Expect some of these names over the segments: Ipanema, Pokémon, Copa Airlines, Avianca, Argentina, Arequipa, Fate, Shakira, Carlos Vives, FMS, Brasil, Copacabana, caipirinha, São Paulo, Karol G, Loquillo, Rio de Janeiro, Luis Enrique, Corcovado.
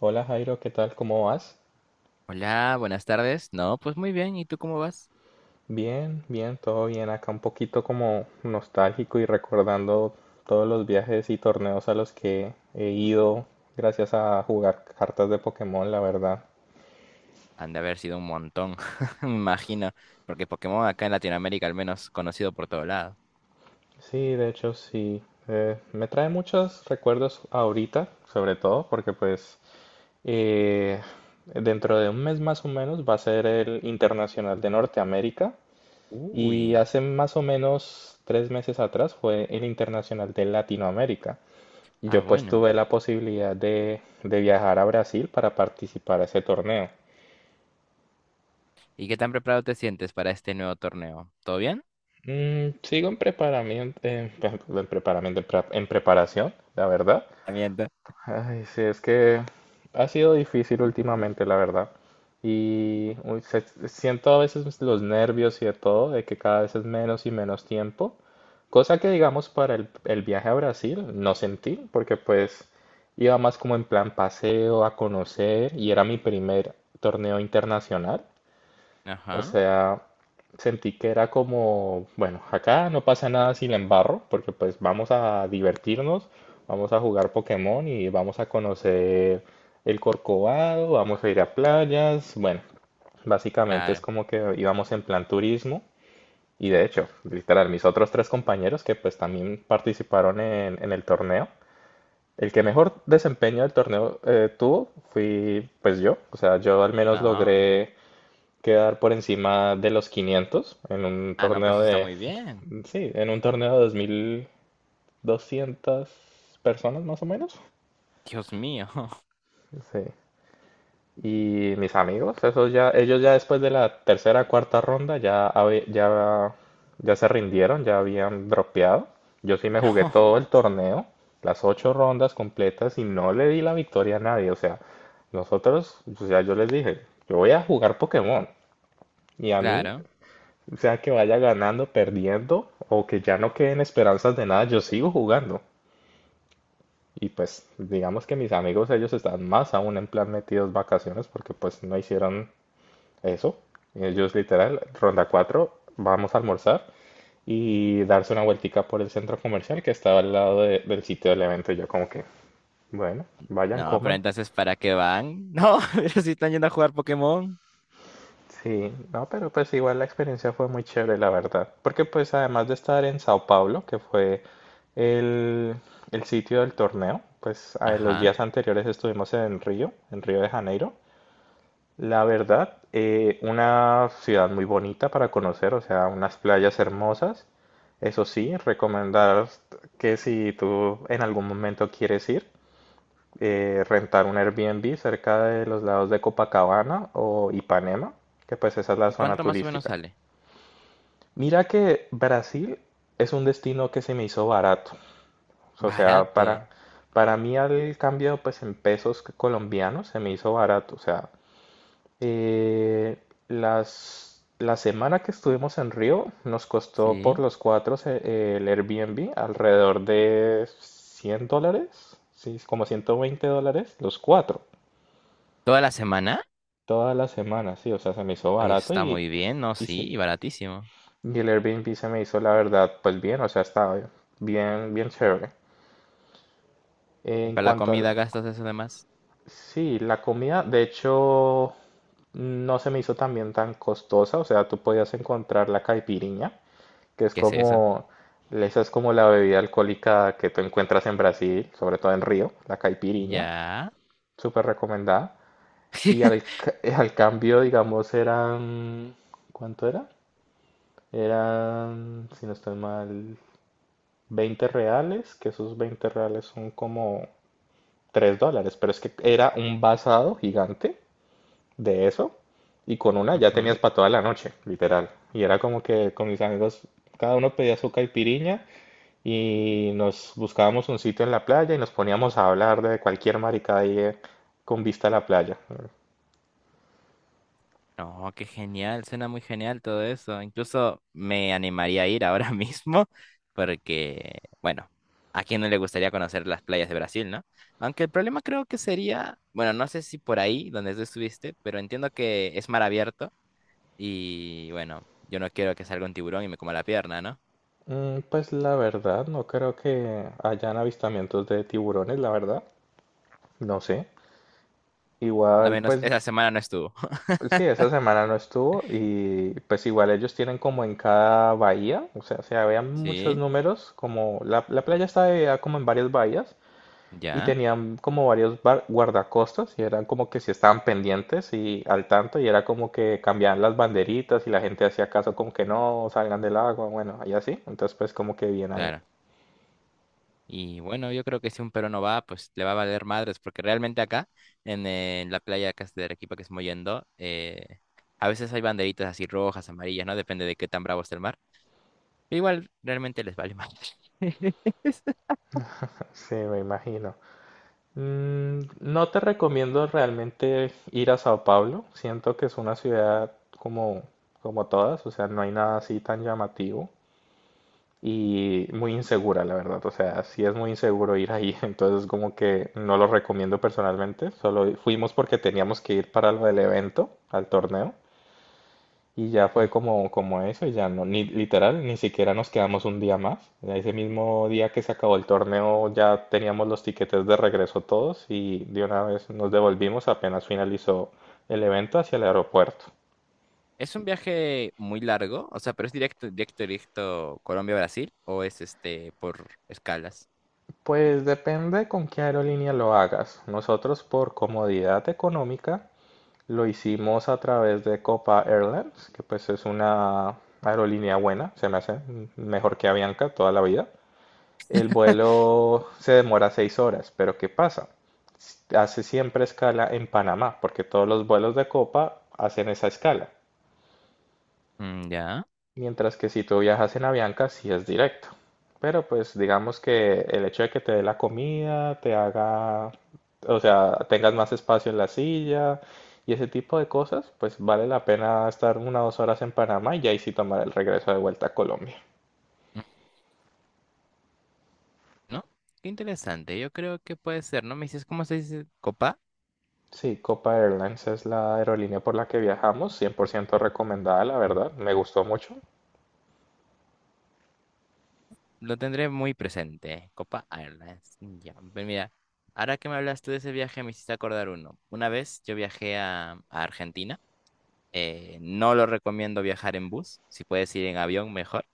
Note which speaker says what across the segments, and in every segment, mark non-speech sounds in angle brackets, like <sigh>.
Speaker 1: Hola Jairo, ¿qué tal? ¿Cómo vas?
Speaker 2: Hola, buenas tardes. No, pues muy bien. ¿Y tú cómo vas?
Speaker 1: Bien, bien, todo bien. Acá un poquito como nostálgico y recordando todos los viajes y torneos a los que he ido gracias a jugar cartas de Pokémon, la verdad.
Speaker 2: Han de haber sido un montón, <laughs> me imagino, porque Pokémon acá en Latinoamérica al menos conocido por todo lado.
Speaker 1: Sí, de hecho sí. Me trae muchos recuerdos ahorita, sobre todo porque pues eh, dentro de un mes más o menos va a ser el Internacional de Norteamérica
Speaker 2: Uy,
Speaker 1: y hace más o menos 3 meses atrás fue el Internacional de Latinoamérica.
Speaker 2: ah,
Speaker 1: Yo pues
Speaker 2: bueno.
Speaker 1: tuve la posibilidad de viajar a Brasil para participar a ese torneo.
Speaker 2: ¿Y qué tan preparado te sientes para este nuevo torneo? ¿Todo bien?
Speaker 1: Sigo en preparamiento, en, <laughs> en preparación, la verdad.
Speaker 2: Miento.
Speaker 1: Ay, sí, es que ha sido difícil últimamente, la verdad. Y uy, siento a veces los nervios y de todo, de que cada vez es menos y menos tiempo. Cosa que, digamos, para el viaje a Brasil no sentí, porque pues iba más como en plan paseo, a conocer, y era mi primer torneo internacional. O
Speaker 2: Ajá,
Speaker 1: sea, sentí que era como, bueno, acá no pasa nada si la embarro, porque pues vamos a divertirnos, vamos a jugar Pokémon y vamos a conocer el Corcovado, vamos a ir a playas, bueno, básicamente es
Speaker 2: claro.
Speaker 1: como que íbamos en plan turismo. Y de hecho, literal, mis otros tres compañeros que pues también participaron en el torneo, el que mejor desempeño del torneo tuvo fui pues yo. O sea, yo al menos
Speaker 2: No.
Speaker 1: logré quedar por encima de los 500 en un
Speaker 2: Ah, no, pues
Speaker 1: torneo
Speaker 2: está muy bien.
Speaker 1: sí, en un torneo de 2200 personas más o menos.
Speaker 2: Dios mío. <laughs>
Speaker 1: Sí. Y mis amigos, esos ya, ellos ya después de la tercera, cuarta ronda ya, ya se rindieron, ya habían dropeado. Yo sí me jugué
Speaker 2: No,
Speaker 1: todo el torneo, las ocho rondas completas y no le di la victoria a nadie. O sea, nosotros, o sea, yo les dije, yo voy a jugar Pokémon y a mí.
Speaker 2: claro.
Speaker 1: O sea, que vaya ganando, perdiendo, o que ya no queden esperanzas de nada, yo sigo jugando. Y pues, digamos que mis amigos, ellos están más aún en plan metidos vacaciones porque pues no hicieron eso. Ellos literal, ronda 4 vamos a almorzar y darse una vueltica por el centro comercial que estaba al lado del sitio del evento. Y yo como que, bueno, vayan,
Speaker 2: No, pero
Speaker 1: coman.
Speaker 2: entonces, ¿para qué van? No, <laughs> pero si están yendo a jugar Pokémon.
Speaker 1: Sí, no, pero pues igual la experiencia fue muy chévere, la verdad. Porque pues además de estar en Sao Paulo, que fue el, el sitio del torneo, pues los
Speaker 2: Ajá.
Speaker 1: días anteriores estuvimos en Río de Janeiro. La verdad, una ciudad muy bonita para conocer, o sea, unas playas hermosas. Eso sí, recomendar que si tú en algún momento quieres ir, rentar un Airbnb cerca de los lados de Copacabana o Ipanema, que pues esa es la
Speaker 2: ¿Y
Speaker 1: zona
Speaker 2: cuánto más o menos
Speaker 1: turística.
Speaker 2: sale?
Speaker 1: Mira que Brasil es un destino que se me hizo barato. O sea, para,
Speaker 2: Barato.
Speaker 1: para mí al cambio pues en pesos colombianos se me hizo barato. O sea, eh, la semana que estuvimos en Río nos costó por
Speaker 2: ¿Sí?
Speaker 1: los cuatro el Airbnb alrededor de $100, sí, como $120 los cuatro.
Speaker 2: ¿Toda la semana?
Speaker 1: Toda la semana, sí, o sea, se me hizo
Speaker 2: Oye,
Speaker 1: barato
Speaker 2: está muy bien, ¿no?
Speaker 1: y, se-
Speaker 2: Sí, y baratísimo.
Speaker 1: y el Airbnb se me hizo, la verdad, pues bien, o sea, estaba bien, bien chévere.
Speaker 2: Y
Speaker 1: En
Speaker 2: para la
Speaker 1: cuanto
Speaker 2: comida gastas eso de más.
Speaker 1: sí, la comida, de hecho, no se me hizo también tan costosa, o sea, tú podías encontrar la caipiriña, que es
Speaker 2: ¿Qué es eso?
Speaker 1: como, esa es como la bebida alcohólica que tú encuentras en Brasil, sobre todo en Río, la caipiriña,
Speaker 2: Ya.
Speaker 1: súper recomendada.
Speaker 2: <laughs>
Speaker 1: <laughs> Al cambio, digamos, ¿cuánto era? Eran, si no estoy mal, 20 reales, que esos 20 reales son como $3, pero es que era un basado gigante de eso y con una ya tenías
Speaker 2: Ujú.
Speaker 1: para toda la noche, literal. Y era como que con mis amigos cada uno pedía su caipiriña y nos buscábamos un sitio en la playa y nos poníamos a hablar de cualquier maricada ahí con vista a la playa.
Speaker 2: No, qué genial, suena muy genial todo eso. Incluso me animaría a ir ahora <laughs> mismo porque, bueno, a quién no le gustaría conocer las playas de Brasil, ¿no? Aunque el problema creo que sería, bueno, no sé si por ahí donde tú estuviste, pero entiendo que es mar abierto y, bueno, yo no quiero que salga un tiburón y me coma la pierna, ¿no?
Speaker 1: Pues la verdad, no creo que hayan avistamientos de tiburones, la verdad. No sé.
Speaker 2: A
Speaker 1: Igual,
Speaker 2: menos
Speaker 1: pues
Speaker 2: esa semana no estuvo.
Speaker 1: sí, esa semana no estuvo y pues igual ellos tienen como en cada bahía, o sea, se
Speaker 2: <laughs>
Speaker 1: habían muchos
Speaker 2: ¿Sí?
Speaker 1: números, como la playa estaba dividida como en varias bahías y
Speaker 2: ¿Ya?
Speaker 1: tenían como varios guardacostas y eran como que si estaban pendientes y al tanto y era como que cambiaban las banderitas y la gente hacía caso como que no salgan del agua, bueno, y así, entonces pues como que bien ahí.
Speaker 2: Claro. Y bueno, yo creo que si un peruano va, pues le va a valer madres, porque realmente acá, en la playa acá de Arequipa que estamos yendo, a veces hay banderitas así rojas, amarillas, ¿no? Depende de qué tan bravo esté el mar. Pero igual, realmente les vale madres. <laughs>
Speaker 1: Sí, me imagino. No te recomiendo realmente ir a Sao Paulo. Siento que es una ciudad como, como todas, o sea, no hay nada así tan llamativo y muy insegura, la verdad. O sea, sí es muy inseguro ir ahí, <laughs> entonces como que no lo recomiendo personalmente. Solo fuimos porque teníamos que ir para lo del evento, al torneo. Y ya fue
Speaker 2: Mm.
Speaker 1: como, como eso, y ya no, ni literal, ni siquiera nos quedamos un día más. ya ese mismo día que se acabó el torneo ya teníamos los tiquetes de regreso todos y de una vez nos devolvimos apenas finalizó el evento hacia el aeropuerto.
Speaker 2: ¿Es un viaje muy largo? O sea, ¿pero es directo, directo, directo Colombia-Brasil? ¿O es este por escalas?
Speaker 1: Pues depende con qué aerolínea lo hagas. Nosotros por comodidad económica lo hicimos a través de Copa Airlines, que pues es una aerolínea buena, se me hace mejor que Avianca toda la vida. El vuelo se demora 6 horas, pero ¿qué pasa? Hace siempre escala en Panamá, porque todos los vuelos de Copa hacen esa escala.
Speaker 2: Mm, ya.
Speaker 1: Mientras que si tú viajas en Avianca, sí es directo. Pero pues digamos que el hecho de que te dé la comida, te haga, o sea, tengas más espacio en la silla y ese tipo de cosas, pues vale la pena estar 1 o 2 horas en Panamá y ahí sí tomar el regreso de vuelta a Colombia.
Speaker 2: Mm, ¿no? Qué interesante. Yo creo que puede ser, ¿no? Me dices, ¿cómo se dice? ¿Copa?
Speaker 1: Sí, Copa Airlines es la aerolínea por la que viajamos, 100% recomendada, la verdad, me gustó mucho.
Speaker 2: Lo tendré muy presente. Copa Airlines. Ya, pues mira, ahora que me hablas tú de ese viaje, me hiciste acordar uno. Una vez yo viajé a Argentina. No lo recomiendo viajar en bus. Si puedes ir en avión, mejor.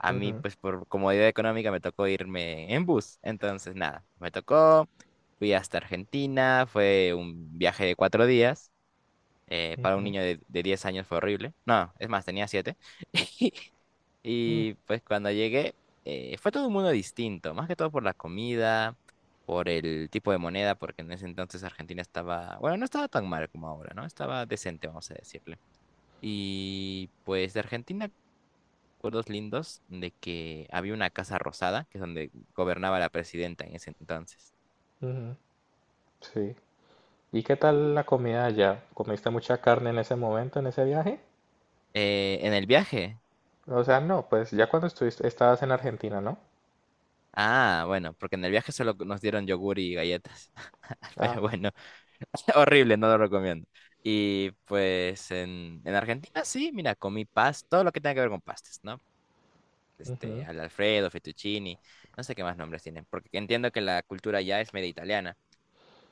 Speaker 2: A mí,
Speaker 1: Ujú,
Speaker 2: pues por comodidad económica, me tocó irme en bus. Entonces, nada, me tocó. Fui hasta Argentina. Fue un viaje de cuatro días. Para un
Speaker 1: ujú,
Speaker 2: niño de 10 años fue horrible. No, es más, tenía siete. <laughs>
Speaker 1: mm,
Speaker 2: Y pues cuando llegué, fue todo un mundo distinto, más que todo por la comida, por el tipo de moneda, porque en ese entonces Argentina estaba, bueno, no estaba tan mal como ahora, ¿no? Estaba decente, vamos a decirle. Y pues de Argentina, recuerdos lindos de que había una casa rosada, que es donde gobernaba la presidenta en ese entonces.
Speaker 1: ujú, sí. ¿Y qué tal la comida allá? ¿Comiste mucha carne en ese momento, en ese viaje?
Speaker 2: En el viaje.
Speaker 1: O sea, no, pues ya cuando estuviste, estabas en Argentina, ¿no?
Speaker 2: Ah, bueno, porque en el viaje solo nos dieron yogur y galletas. <laughs>
Speaker 1: Ah,
Speaker 2: Pero bueno, <laughs> horrible, no lo recomiendo. Y pues en Argentina sí, mira, comí paz, todo lo que tenga que ver con pastas, ¿no? Este,
Speaker 1: ujú,
Speaker 2: al Alfredo, fettuccini, no sé qué más nombres tienen, porque entiendo que la cultura ya es media italiana.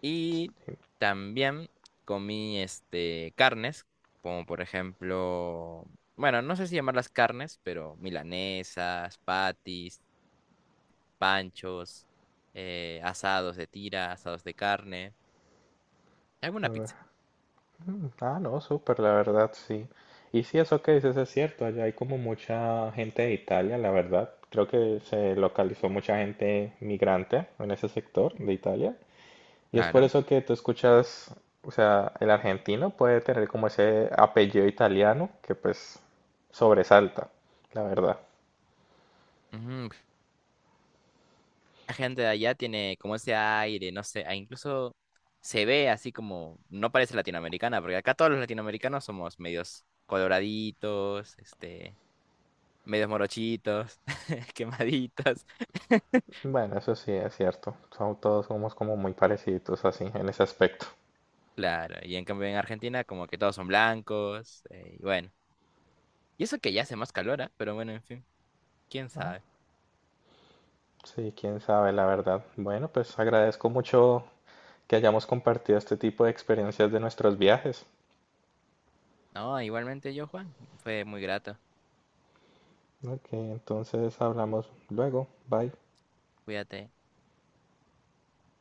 Speaker 2: Y también comí este carnes, como por ejemplo, bueno, no sé si llamarlas carnes, pero milanesas, patis panchos, asados de tira, asados de carne, alguna
Speaker 1: eh,
Speaker 2: pizza.
Speaker 1: Ah, no, súper, la verdad, sí. Y sí, eso que dices es cierto, allá hay como mucha gente de Italia, la verdad. Creo que se localizó mucha gente migrante en ese sector de Italia. Y es por
Speaker 2: Claro.
Speaker 1: eso que tú escuchas, o sea, el argentino puede tener como ese apellido italiano que pues sobresalta, la verdad.
Speaker 2: Ujú, la gente de allá tiene como ese aire, no sé, e incluso se ve así como, no parece latinoamericana, porque acá todos los latinoamericanos somos medios coloraditos, este, medios morochitos, <laughs> quemaditos.
Speaker 1: Bueno, eso sí es cierto. Todos somos como muy parecidos así en ese aspecto.
Speaker 2: Claro, y en cambio en Argentina como que todos son blancos, y bueno. Y eso que ya hace más calor, ah, pero bueno, en fin, quién
Speaker 1: Ah,
Speaker 2: sabe.
Speaker 1: sí, quién sabe, la verdad. Bueno, pues agradezco mucho que hayamos compartido este tipo de experiencias de nuestros viajes.
Speaker 2: No, igualmente yo, Juan, fue muy grato.
Speaker 1: ¿No? Ok, entonces hablamos luego. Bye.
Speaker 2: Cuídate.